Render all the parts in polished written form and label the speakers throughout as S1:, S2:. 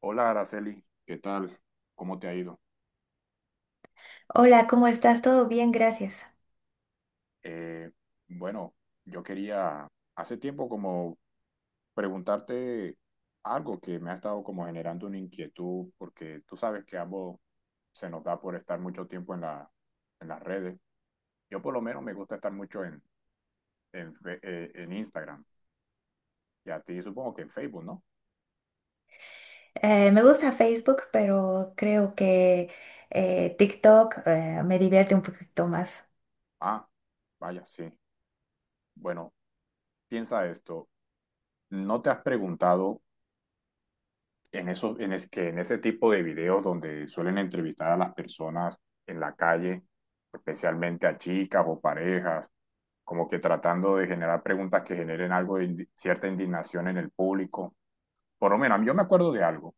S1: Hola, Araceli, ¿qué tal? ¿Cómo te ha ido?
S2: Hola, ¿cómo estás? Todo bien, gracias.
S1: Eh, bueno, yo quería hace tiempo como preguntarte algo que me ha estado como generando una inquietud, porque tú sabes que ambos se nos da por estar mucho tiempo en las redes. Yo por lo menos me gusta estar mucho en Instagram y a ti supongo que en Facebook, ¿no?
S2: Me gusta Facebook, pero creo que TikTok me divierte un poquito más.
S1: Ah, vaya, sí. Bueno, piensa esto. ¿No te has preguntado? En, eso, en, es, Que en ese tipo de videos donde suelen entrevistar a las personas en la calle, especialmente a chicas o parejas, como que tratando de generar preguntas que generen algo de indi cierta indignación en el público. Por lo menos, yo me acuerdo de algo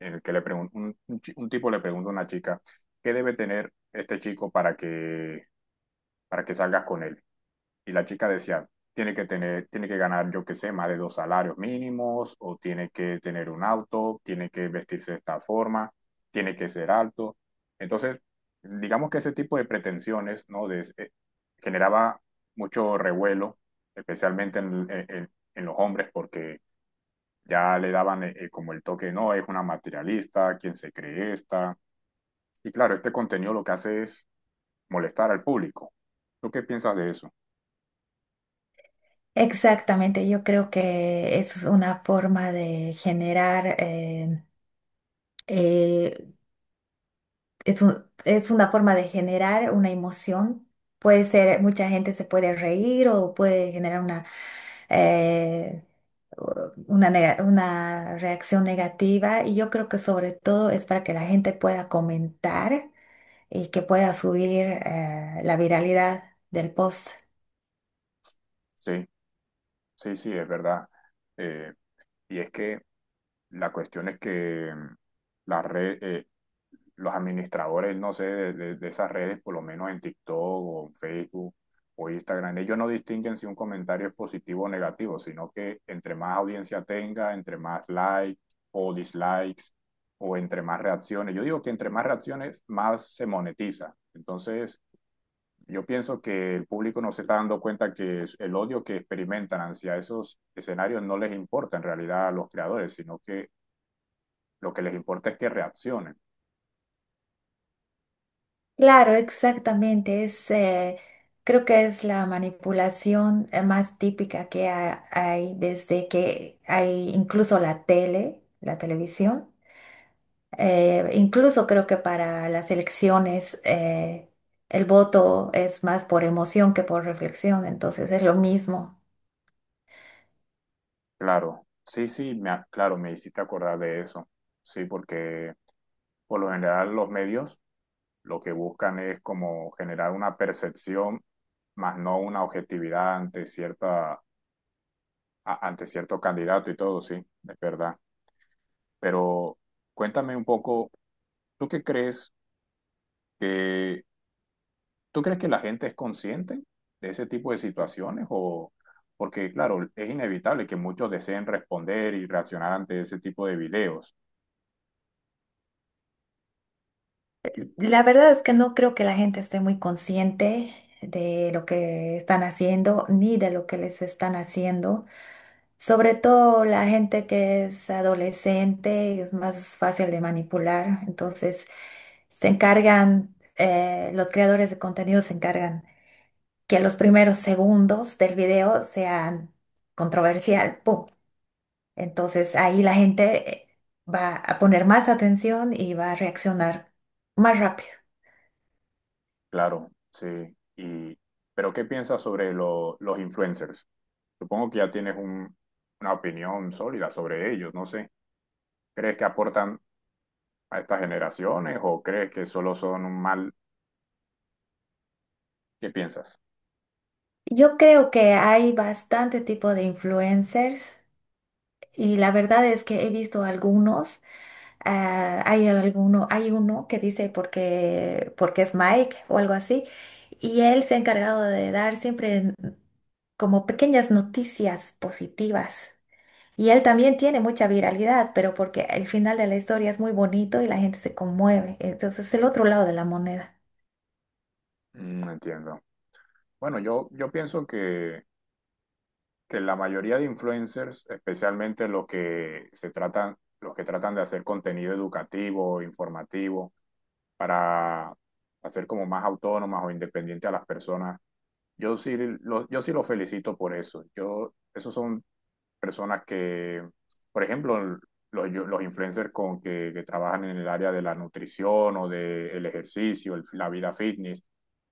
S1: en el que le pregunto, tipo le pregunta a una chica, ¿qué debe tener este chico para que salgas con él? Y la chica decía, tiene que ganar, yo qué sé, más de dos salarios mínimos, o tiene que tener un auto, tiene que vestirse de esta forma, tiene que ser alto. Entonces, digamos que ese tipo de pretensiones, ¿no? Generaba mucho revuelo, especialmente en los hombres, porque ya le daban como el toque, no, es una materialista, quién se cree esta. Y claro, este contenido lo que hace es molestar al público. ¿Tú qué piensas de eso?
S2: Exactamente, yo creo que es una forma de generar, eh, es una forma de generar una emoción. Puede ser, mucha gente se puede reír o puede generar eh, una, una reacción negativa y yo creo que sobre todo es para que la gente pueda comentar y que pueda subir la viralidad del post.
S1: Sí. Sí, sí, es verdad. Eh, y es que la cuestión es que la red, los administradores, no sé, de esas redes, por lo menos en TikTok o en Facebook o Instagram, ellos no distinguen si un comentario es positivo o negativo, sino que entre más audiencia tenga, entre más likes o dislikes o entre más reacciones. Yo digo que entre más reacciones, más se monetiza. Entonces, yo pienso que el público no se está dando cuenta el odio que experimentan hacia esos escenarios no les importa en realidad a los creadores, sino que lo que les importa es que reaccionen.
S2: Claro, exactamente. Es, creo que es la manipulación más típica que hay desde que hay incluso la tele, la televisión. Incluso creo que para las elecciones el voto es más por emoción que por reflexión, entonces es lo mismo.
S1: Claro, sí, sí, claro, me hiciste acordar de eso. Sí, porque por lo general los medios lo que buscan es como generar una percepción, más no una objetividad ante ante cierto candidato y todo, sí, es verdad. Pero cuéntame un poco, ¿tú qué crees que ¿Tú crees que la gente es consciente de ese tipo de situaciones? O porque, claro, es inevitable que muchos deseen responder y reaccionar ante ese tipo de videos.
S2: La verdad es que no creo que la gente esté muy consciente de lo que están haciendo ni de lo que les están haciendo. Sobre todo la gente que es adolescente es más fácil de manipular, entonces se encargan, los creadores de contenido se encargan que los primeros segundos del video sean controversial, ¡pum! Entonces ahí la gente va a poner más atención y va a reaccionar más rápido.
S1: Claro, sí. Y, pero ¿qué piensas sobre los influencers? Supongo que ya tienes una opinión sólida sobre ellos. No sé. ¿Crees que aportan a estas generaciones o crees que solo son un mal? ¿Qué piensas?
S2: Yo creo que hay bastante tipo de influencers y la verdad es que he visto algunos. Ah, hay alguno, hay uno que dice porque, porque es Mike o algo así, y él se ha encargado de dar siempre como pequeñas noticias positivas. Y él también tiene mucha viralidad, pero porque el final de la historia es muy bonito y la gente se conmueve. Entonces es el otro lado de la moneda.
S1: Mm, entiendo. Bueno, yo pienso que la mayoría de influencers, especialmente los que tratan de hacer contenido educativo, informativo, para hacer como más autónomas o independientes a las personas, yo sí los felicito por eso. Yo, esos son personas que, por ejemplo, los influencers que trabajan en el área de la nutrición o del ejercicio, la vida fitness,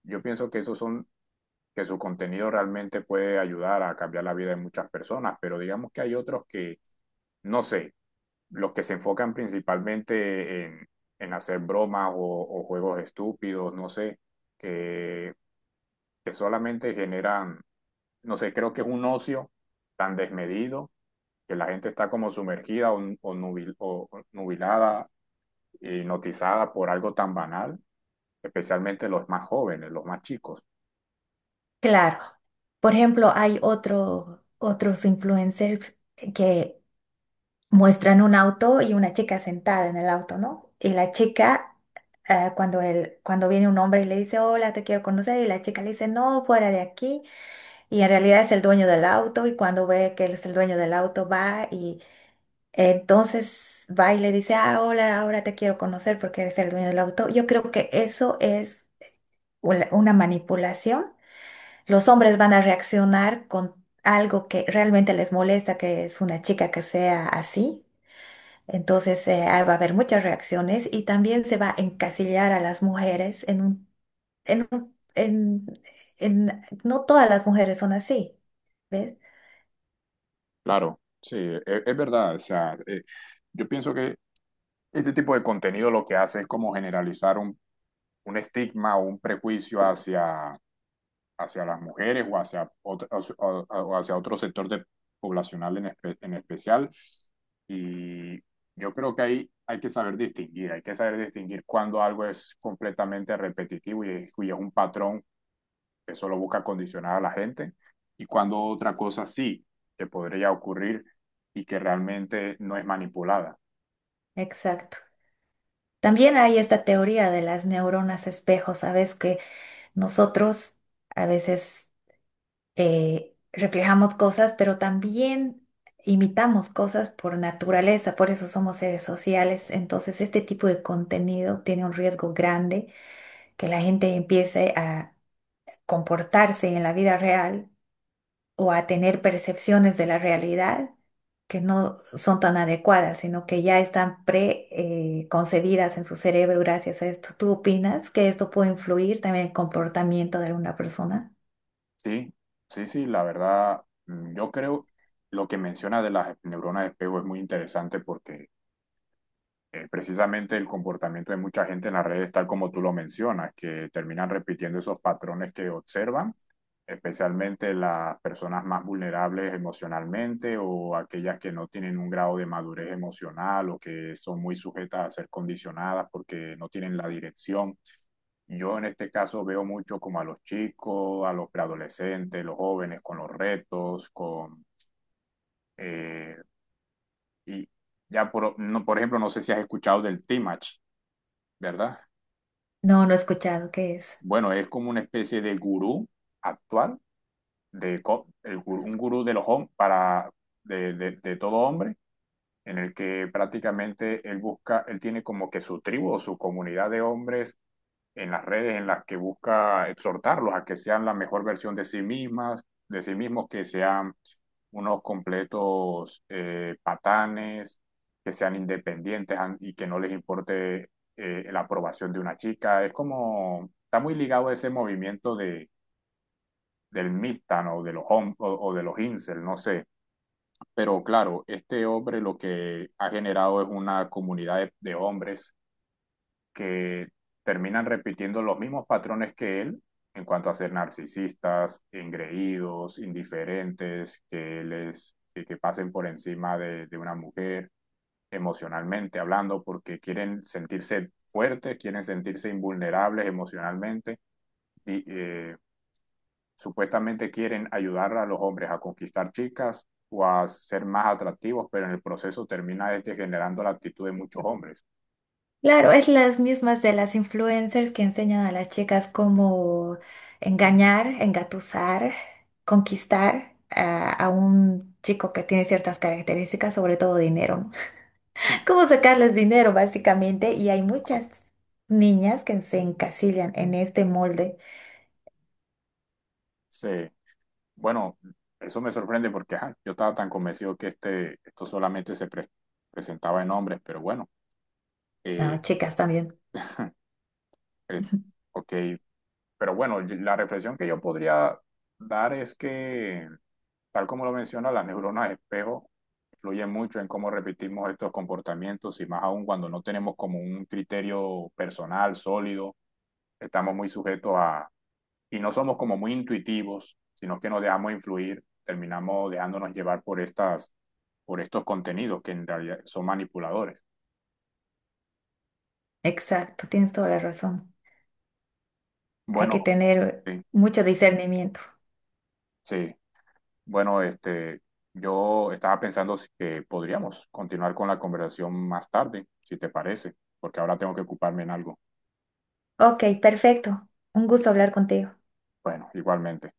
S1: yo pienso que esos son que su contenido realmente puede ayudar a cambiar la vida de muchas personas, pero digamos que hay otros que, no sé, los que se enfocan principalmente en hacer bromas o juegos estúpidos, no sé, que, que solamente no sé, creo que es un ocio tan desmedido que la gente está como sumergida o nubilada, hipnotizada por algo tan banal, especialmente los más jóvenes, los más chicos.
S2: Claro. Por ejemplo, hay otro, otros influencers que muestran un auto y una chica sentada en el auto, ¿no? Y la chica, cuando, él, cuando viene un hombre y le dice, hola, te quiero conocer, y la chica le dice, no, fuera de aquí. Y en realidad es el dueño del auto y cuando ve que él es el dueño del auto va y entonces va y le dice, ah, hola, ahora te quiero conocer porque eres el dueño del auto. Yo creo que eso es una manipulación. Los hombres van a reaccionar con algo que realmente les molesta, que es una chica que sea así. Entonces ahí va a haber muchas reacciones y también se va a encasillar a las mujeres en un, en un- en, en- no todas las mujeres son así, ¿ves?
S1: Claro, sí, es, verdad. O sea, yo pienso que este tipo de contenido lo que hace es como generalizar un estigma o un prejuicio hacia las mujeres o hacia, otro, o hacia otro sector de, poblacional en, en especial. Y yo creo que ahí hay que saber distinguir, hay que saber distinguir cuando algo es completamente repetitivo y es un patrón eso lo busca condicionar a la gente. Y cuando otra cosa sí que podría ocurrir y que realmente no es manipulada.
S2: Exacto. También hay esta teoría de las neuronas espejo, ¿sabes? Que nosotros a veces reflejamos cosas, pero también imitamos cosas por naturaleza, por eso somos seres sociales. Entonces, este tipo de contenido tiene un riesgo grande que la gente empiece a comportarse en la vida real o a tener percepciones de la realidad que no son tan adecuadas, sino que ya están preconcebidas en su cerebro gracias a esto. ¿Tú opinas que esto puede influir también en el comportamiento de alguna persona?
S1: Sí, sí, sí, la verdad, yo creo lo que menciona de las neuronas de espejo es muy interesante porque precisamente el comportamiento de mucha gente en las redes, tal como tú lo mencionas, que terminan repitiendo esos patrones que observan, especialmente las personas más vulnerables emocionalmente o aquellas que no tienen un grado de madurez emocional o que son muy sujetas a ser condicionadas porque no tienen la dirección. Yo en este caso veo mucho como a los chicos, a los preadolescentes, los jóvenes con los retos, con... eh, y ya por, no, por ejemplo, no sé si has escuchado del T-Match, ¿verdad?
S2: No, no he escuchado qué es.
S1: Bueno, es como una especie de gurú actual, de co- el gurú- un gurú de para de todo hombre, en el que prácticamente él busca, él tiene como que su tribu o su comunidad de hombres en las redes en las que busca exhortarlos a que sean la mejor versión de sí mismos, que sean unos completos patanes, que sean independientes y que no les importe la aprobación de una chica. Es como, está muy ligado a ese movimiento del Midtown o de los hom o, de los Incel, no sé. Pero claro, este hombre lo que ha generado es una comunidad de hombres que terminan repitiendo los mismos patrones que él en cuanto a ser narcisistas, engreídos, indiferentes, que pasen por encima de una mujer emocionalmente hablando porque quieren sentirse fuertes, quieren sentirse invulnerables emocionalmente, y, supuestamente quieren ayudar a los hombres a conquistar chicas o a ser más atractivos, pero en el proceso termina este generando la actitud de muchos hombres.
S2: Claro, es las mismas de las influencers que enseñan a las chicas cómo engañar, engatusar, conquistar a un chico que tiene ciertas características, sobre todo dinero, ¿no? Cómo sacarles dinero, básicamente. Y hay muchas niñas que se encasillan en este molde.
S1: Sí. Bueno, eso me sorprende porque ajá, yo estaba tan convencido que esto solamente se presentaba en hombres, pero bueno,
S2: No,
S1: eh,
S2: chicas también.
S1: eh, ok, pero bueno, la reflexión que yo podría dar es que, tal como lo menciona, las neuronas espejo influyen mucho en cómo repetimos estos comportamientos y más aún cuando no tenemos como un criterio personal sólido, estamos muy sujetos a y no somos como muy intuitivos, sino que nos dejamos influir, terminamos dejándonos llevar por por estos contenidos que en realidad son manipuladores.
S2: Exacto, tienes toda la razón. Hay
S1: Bueno,
S2: que tener
S1: sí,
S2: mucho discernimiento.
S1: sí. Bueno, este, yo estaba pensando que podríamos continuar con la conversación más tarde, si te parece, porque ahora tengo que ocuparme en algo.
S2: Ok, perfecto. Un gusto hablar contigo.
S1: Bueno, igualmente.